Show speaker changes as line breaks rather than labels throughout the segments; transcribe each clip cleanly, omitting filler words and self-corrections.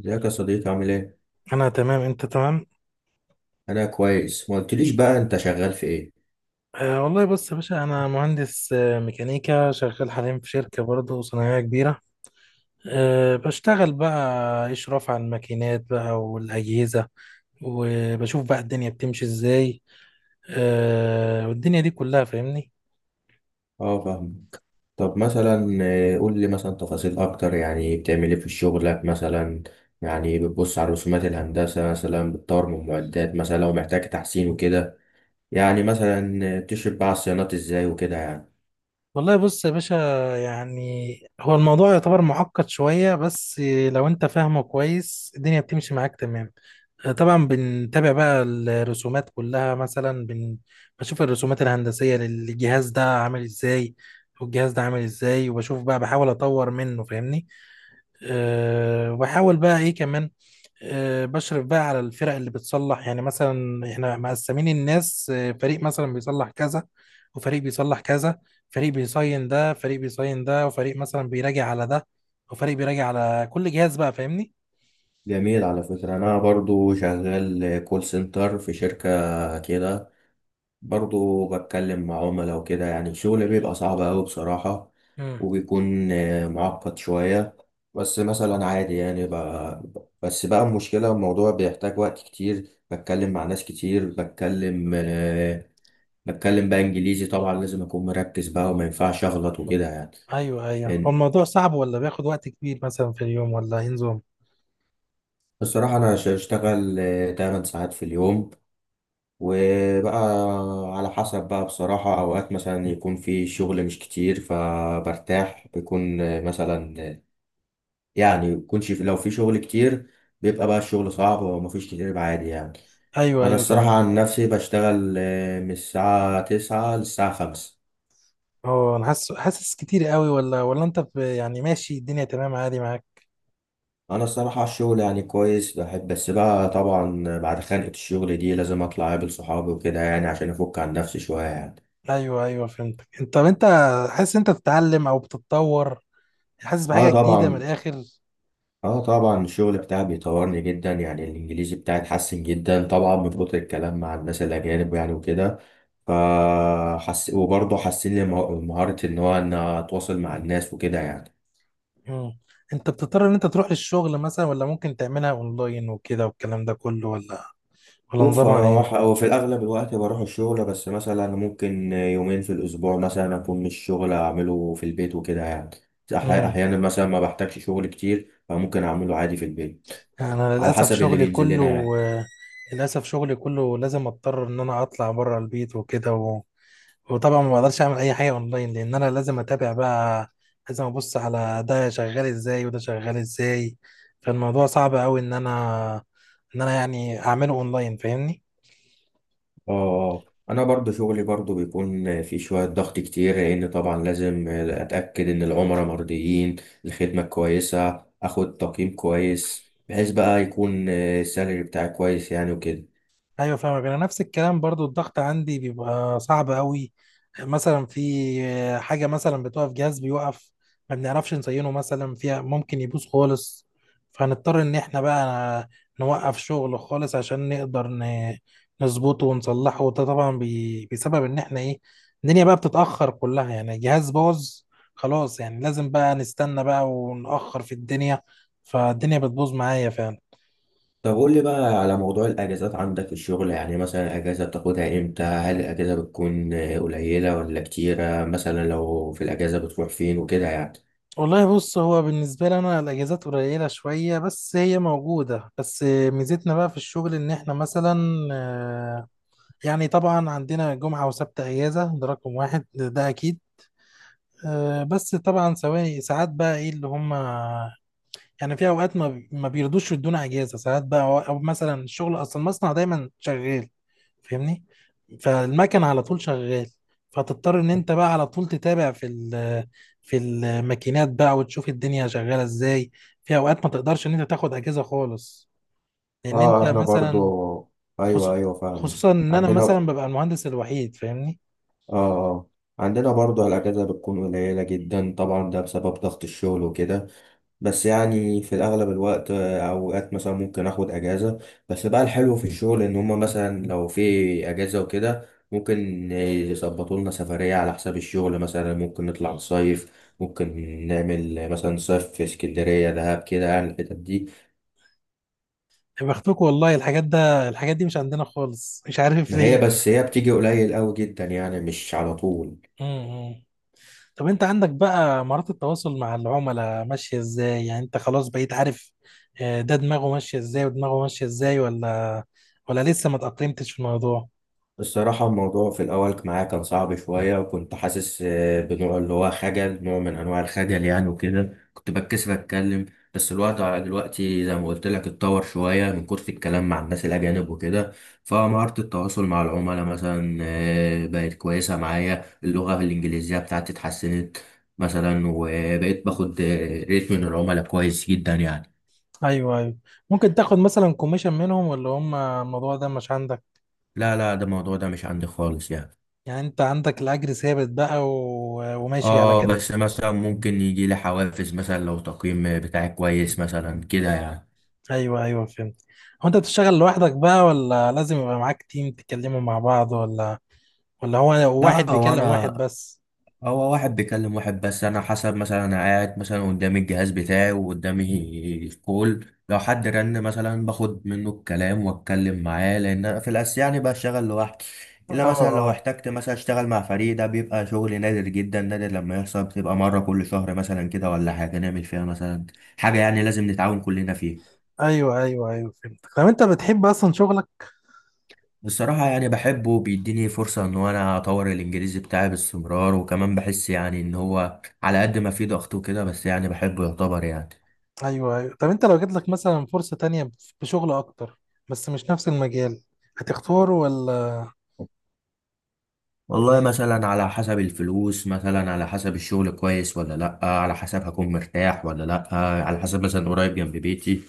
ازيك يا صديقي؟ عامل ايه؟
انا تمام، انت تمام.
انا كويس. ما قلتليش بقى، انت شغال في ايه؟
والله بص يا باشا، انا مهندس ميكانيكا، شغال حاليا في شركه برضه صناعيه كبيره. أه بشتغل بقى اشراف على الماكينات بقى والاجهزه، وبشوف بقى الدنيا بتمشي ازاي. أه والدنيا دي كلها فاهمني.
اه، فاهمك. طب مثلا، قول لي مثلا تفاصيل اكتر، يعني بتعمل ايه في شغلك مثلا؟ يعني بتبص على رسومات الهندسة مثلا، بتطور من معدات مثلا لو محتاج تحسين وكده؟ يعني مثلا تشرف بقى على الصيانات ازاي وكده يعني؟
والله بص يا باشا، يعني هو الموضوع يعتبر معقد شوية، بس لو انت فاهمه كويس الدنيا بتمشي معاك تمام. طبعا بنتابع بقى الرسومات كلها، مثلا بشوف الرسومات الهندسية للجهاز ده عامل ازاي، والجهاز ده عامل ازاي، وبشوف بقى بحاول اطور منه فاهمني. أه وبحاول بقى ايه كمان، بشرف بقى على الفرق اللي بتصلح. يعني مثلا احنا مقسمين الناس، فريق مثلا بيصلح كذا، وفريق بيصلح كذا، فريق بيصين ده، فريق بيصين ده، وفريق مثلا بيراجع على ده، وفريق بيراجع على كل جهاز بقى فاهمني؟
جميل. على فكرة أنا برضو شغال كول سنتر في شركة كده، برضو بتكلم مع عملاء وكده. يعني الشغل بيبقى صعب أوي بصراحة،
امم
وبيكون معقد شوية. بس مثلا عادي يعني، بس بقى المشكلة الموضوع بيحتاج وقت كتير، بتكلم مع ناس كتير، بتكلم بتكلم بقى إنجليزي، طبعا لازم أكون مركز بقى وما ينفعش أغلط وكده يعني.
ايوه ايوه، هو
لأن
الموضوع صعب ولا بياخد وقت كبير مثلا في اليوم، ولا ايه نظام؟
بصراحة أنا بشتغل 8 ساعات في اليوم، وبقى على حسب بقى بصراحة، أوقات مثلا يكون في شغل مش كتير فبرتاح، بيكون مثلا، يعني يكونش لو في شغل كتير بيبقى بقى الشغل صعب، ومفيش كتير يبقى عادي يعني.
ايوه
أنا
ايوه
الصراحة
فاهم.
عن نفسي بشتغل من الساعة 9 للساعة 5.
هو انا حاسس، حاسس كتير قوي ولا انت يعني ماشي الدنيا تمام عادي معاك؟
أنا الصراحة الشغل يعني كويس، بحب، بس بقى طبعا بعد خانقة الشغل دي لازم أطلع أقابل صحابي وكده يعني، عشان أفك عن نفسي شوية يعني.
ايوه ايوه فهمتك. طب انت حاسس انت بتتعلم او بتتطور، حاسس
اه
بحاجه جديده من
طبعا.
الاخر؟
اه طبعا، الشغل بتاعي بيطورني جدا يعني، الانجليزي بتاعي اتحسن جدا طبعا من كتر الكلام مع الناس الاجانب يعني وكده. فحس، وبرضه حسن لي مهارة ان هو ان اتواصل مع الناس وكده يعني.
مم. انت بتضطر ان انت تروح للشغل مثلا، ولا ممكن تعملها اونلاين وكده والكلام ده كله، ولا
شوف،
نظامها
هو
ايه؟
ح- هو في الاغلب الوقت بروح الشغل، بس مثلا ممكن يومين في الاسبوع مثلا اكون مش شغل، اعمله في البيت وكده يعني.
مم.
احيانا مثلا ما بحتاجش شغل كتير فممكن اعمله عادي في البيت،
انا
على
للاسف
حسب اللي
شغلي
بينزل لنا
كله
يعني.
للاسف شغلي كله لازم اضطر ان انا اطلع بره البيت وكده، وطبعا ما بقدرش اعمل اي حاجه اونلاين، لان انا لازم اتابع بقى، لازم ابص على ده شغال ازاي وده شغال ازاي. فالموضوع صعب قوي ان انا يعني اعمله اونلاين فاهمني.
اه، انا برضو شغلي برضو بيكون في شوية ضغط كتير، لان طبعا لازم اتاكد ان العملاء مرضيين، الخدمة كويسة، اخد تقييم كويس بحيث بقى يكون السالري بتاعي كويس يعني وكده.
ايوه فاهمك. انا نفس الكلام برضو، الضغط عندي بيبقى صعب قوي، مثلا في حاجه مثلا بتقف، جهاز بيوقف، ما بنعرفش نزينه مثلا، فيها ممكن يبوظ خالص. فهنضطر ان احنا بقى نوقف شغل خالص عشان نقدر نظبطه ونصلحه، وده طبعا بسبب ان احنا ايه، الدنيا بقى بتتاخر كلها. يعني جهاز باظ خلاص، يعني لازم بقى نستنى بقى ونأخر في الدنيا، فالدنيا بتبوظ معايا فعلا.
طب قول لي بقى على موضوع الاجازات عندك في الشغل، يعني مثلا الاجازة بتاخدها امتى؟ هل الاجازة بتكون قليلة ولا كتيرة؟ مثلا لو في الاجازة بتروح فين وكده يعني؟
والله بص، هو بالنسبة لي أنا الأجازات قليلة شوية، بس هي موجودة. بس ميزتنا بقى في الشغل إن إحنا مثلا، آه، يعني طبعا عندنا جمعة وسبت أجازة، ده رقم واحد ده أكيد. بس طبعا سواء ساعات بقى إيه اللي هم، يعني في اوقات ما بيرضوش يدونا اجازه ساعات بقى، أو مثلا الشغل اصلا المصنع دايما شغال فاهمني، فالمكن على طول شغال، فتضطر ان انت بقى على طول تتابع في الماكينات بقى، وتشوف الدنيا شغاله ازاي. في اوقات ما تقدرش ان انت تاخد اجازه خالص، لان انت
اه، احنا برضو،
مثلا،
ايوه
خصو-
ايوه، فاهم.
خصوصا ان انا
عندنا،
مثلا ببقى المهندس الوحيد فاهمني.
اه اه، عندنا برضه الأجازة بتكون قليلة جدا، طبعا ده بسبب ضغط الشغل وكده. بس يعني في الأغلب الوقت أوقات مثلا ممكن آخد أجازة. بس بقى الحلو في الشغل إن هما مثلا لو في أجازة وكده، ممكن يظبطوا لنا سفرية على حساب الشغل. مثلا ممكن نطلع نصيف، ممكن نعمل مثلا صيف في اسكندرية، دهب، كده يعني الحتت دي.
يا بختكم والله، الحاجات دي مش عندنا خالص، مش عارف
ما هي
ليه.
بس هي بتيجي قليل أوي جدا يعني، مش على طول.
طب انت عندك بقى مهارات التواصل مع العملاء ماشية ازاي؟ يعني انت خلاص بقيت عارف ده دماغه ماشية ازاي ودماغه ماشية ازاي، ولا ولا لسه ما تأقلمتش في الموضوع؟
الصراحة الموضوع في الأول معايا كان صعب شوية، وكنت حاسس بنوع اللي هو خجل، نوع من أنواع الخجل يعني، وكده كنت بتكسف أتكلم. بس الوقت على دلوقتي زي ما قلت لك اتطور شوية، من كتر الكلام مع الناس الأجانب وكده. فمهارة التواصل مع العملاء مثلا بقت كويسة معايا، اللغة الإنجليزية بتاعتي اتحسنت مثلا، وبقيت باخد ريت من العملاء كويس جدا يعني.
ايوه ايوه. ممكن تاخد مثلا كوميشن منهم، ولا هم الموضوع ده مش عندك؟
لا لا، ده الموضوع ده مش عندي خالص يعني.
يعني انت عندك الاجر ثابت بقى وماشي على
اه،
كده؟
بس مثلا ممكن يجي لي حوافز، مثلا لو تقييم بتاعي كويس مثلا كده يعني.
ايوه ايوه فهمت. هو انت بتشتغل لوحدك بقى، ولا لازم يبقى معاك تيم تتكلموا مع بعض، ولا ولا هو واحد
لا، هو
بيكلم
انا،
واحد بس؟
هو واحد بيكلم واحد بس. انا حسب مثلا، انا قاعد مثلا قدامي الجهاز بتاعي وقدامي الكول، لو حد رن مثلا باخد منه الكلام واتكلم معاه، لان انا في الاساس يعني بشتغل لوحدي. الا مثلا لو
اه.
احتجت مثلا اشتغل مع فريق، ده بيبقى شغل نادر جدا. نادر لما يحصل، بتبقى مرة كل شهر مثلا كده، ولا حاجة نعمل فيها مثلا حاجة يعني لازم نتعاون كلنا فيها.
ايوه ايوه ايوه فهمتك. طب انت بتحب اصلا شغلك؟
بصراحة يعني بحبه، بيديني فرصة إن أنا أطور الإنجليزي بتاعي باستمرار، وكمان بحس يعني إن هو على قد ما فيه ضغط وكده، بس يعني بحبه، يعتبر يعني.
ايوه ايوه. طب انت لو جات لك مثلا فرصه تانية بشغل اكتر، بس مش نفس المجال، هتختاره ولا؟
والله
يعني
مثلا على حسب الفلوس، مثلا على حسب الشغل كويس ولا لأ، على حسب هكون مرتاح ولا لأ، على حسب مثلا قريب جنب بيتي،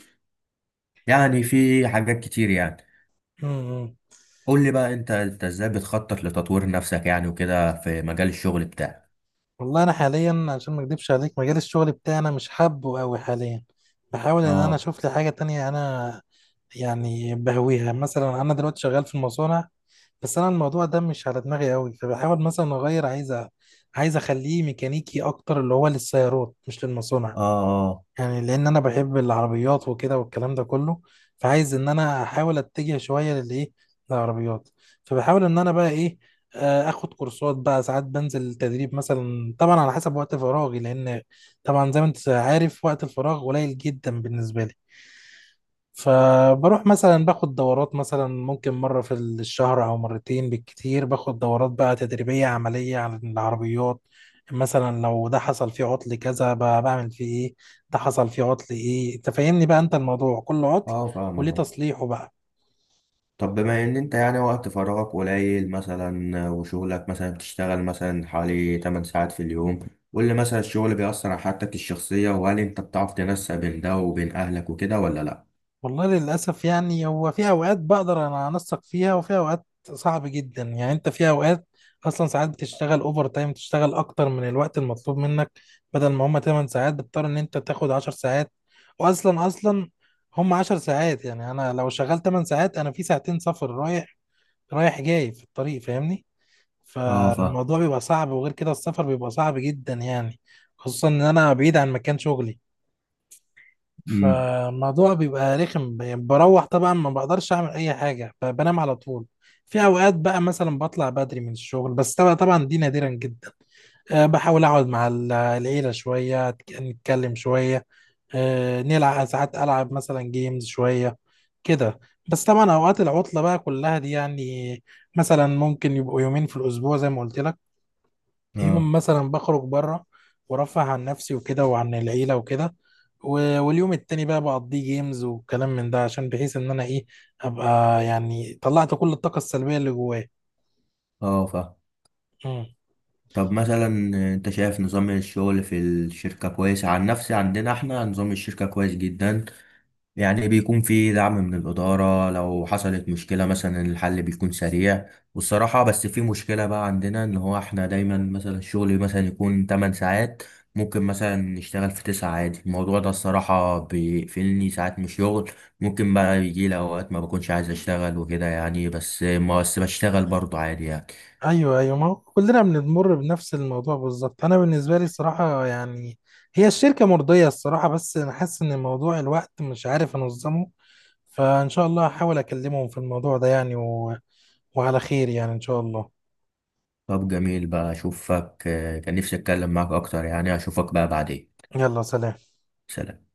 يعني في حاجات كتير يعني.
إمم.
قول لي بقى، أنت إزاي بتخطط لتطوير نفسك يعني وكده في مجال الشغل بتاعك؟
والله انا حاليا عشان ما اكدبش عليك، مجال الشغل بتاعنا مش حابه قوي حاليا، بحاول ان انا
اه
اشوف لي حاجه تانية. انا يعني بهويها، مثلا انا دلوقتي شغال في المصانع بس انا الموضوع ده مش على دماغي قوي، فبحاول مثلا اغير، عايز اخليه ميكانيكي اكتر، اللي هو للسيارات مش للمصانع.
اه
يعني لان انا بحب العربيات وكده والكلام ده كله، فعايز ان انا احاول اتجه شويه للايه، للعربيات. فبحاول ان انا بقى ايه، اخد كورسات بقى ساعات، بنزل تدريب مثلا، طبعا على حسب وقت فراغي، لان طبعا زي ما انت عارف وقت الفراغ قليل جدا بالنسبه لي. فبروح مثلا باخد دورات، مثلا ممكن مرة في الشهر أو مرتين بالكتير، باخد دورات بقى تدريبية عملية على العربيات. مثلا لو ده حصل فيه عطل كذا، بعمل فيه ايه، ده حصل فيه عطل ايه، تفهمني بقى انت الموضوع، كل
اه
عطل
اه فاهمك.
وليه تصليحه بقى.
طب بما ان انت يعني وقت فراغك قليل مثلا، وشغلك مثلا بتشتغل مثلا حوالي 8 ساعات في اليوم، قول لي مثلا الشغل بيأثر على حياتك الشخصية؟ وهل انت بتعرف تنسق بين ده وبين اهلك وكده ولا لا؟
والله للأسف يعني، هو في أوقات بقدر أنا أنسق فيها، وفي أوقات صعب جدا يعني. أنت في أوقات أصلا ساعات بتشتغل أوفر تايم، تشتغل أكتر من الوقت المطلوب منك. بدل ما هما 8 ساعات بتضطر إن أنت تاخد 10 ساعات، وأصلا هما 10 ساعات يعني، أنا لو شغال 8 ساعات، أنا في ساعتين سفر، رايح جاي في الطريق فاهمني.
اه، فاهم.
فالموضوع بيبقى صعب، وغير كده السفر بيبقى صعب جدا يعني، خصوصا إن أنا بعيد عن مكان شغلي.
امم.
فالموضوع بيبقى رخم يعني، بروح طبعا ما بقدرش اعمل اي حاجه، بنام على طول. في اوقات بقى مثلا بطلع بدري من الشغل، بس طبعا دي نادرا جدا. أه بحاول اقعد مع العيله شويه، نتكلم شويه، أه نلعب ساعات، العب مثلا جيمز شويه كده. بس طبعا اوقات العطله بقى كلها دي يعني، مثلا ممكن يبقوا يومين في الاسبوع زي ما قلت لك،
اه
يوم مثلا بخرج بره، ورفه عن نفسي وكده وعن العيلة وكده، واليوم التاني بقى بقضيه جيمز وكلام من ده، عشان بحيث ان انا ايه، ابقى يعني طلعت كل الطاقة السلبية اللي جوايا.
اه، فاهم.
مم.
طب مثلا، انت شايف نظام الشغل في الشركة كويس؟ عن نفسي عندنا احنا نظام الشركة كويس جدا يعني، بيكون في دعم من الإدارة لو حصلت مشكلة، مثلا الحل بيكون سريع. والصراحة بس في مشكلة بقى عندنا، إن هو إحنا دايما مثلا الشغل مثلا يكون 8 ساعات، ممكن مثلا نشتغل في 9 عادي. الموضوع ده الصراحة بيقفلني ساعات من الشغل، ممكن بقى يجي لي أوقات ما بكونش عايز أشتغل وكده يعني، بس ما بس بشتغل برضه عادي يعني.
ايوه ايوه، ما هو كلنا بنمر بنفس الموضوع بالظبط. انا بالنسبة لي الصراحة يعني هي الشركة مرضية الصراحة، بس انا حاسس ان موضوع الوقت مش عارف انظمه. فان شاء الله هحاول اكلمهم في الموضوع ده يعني، وعلى خير يعني ان شاء الله.
طب جميل بقى، أشوفك، كان نفسي أتكلم معاك أكتر يعني، أشوفك بقى بعدين.
يلا سلام.
سلام.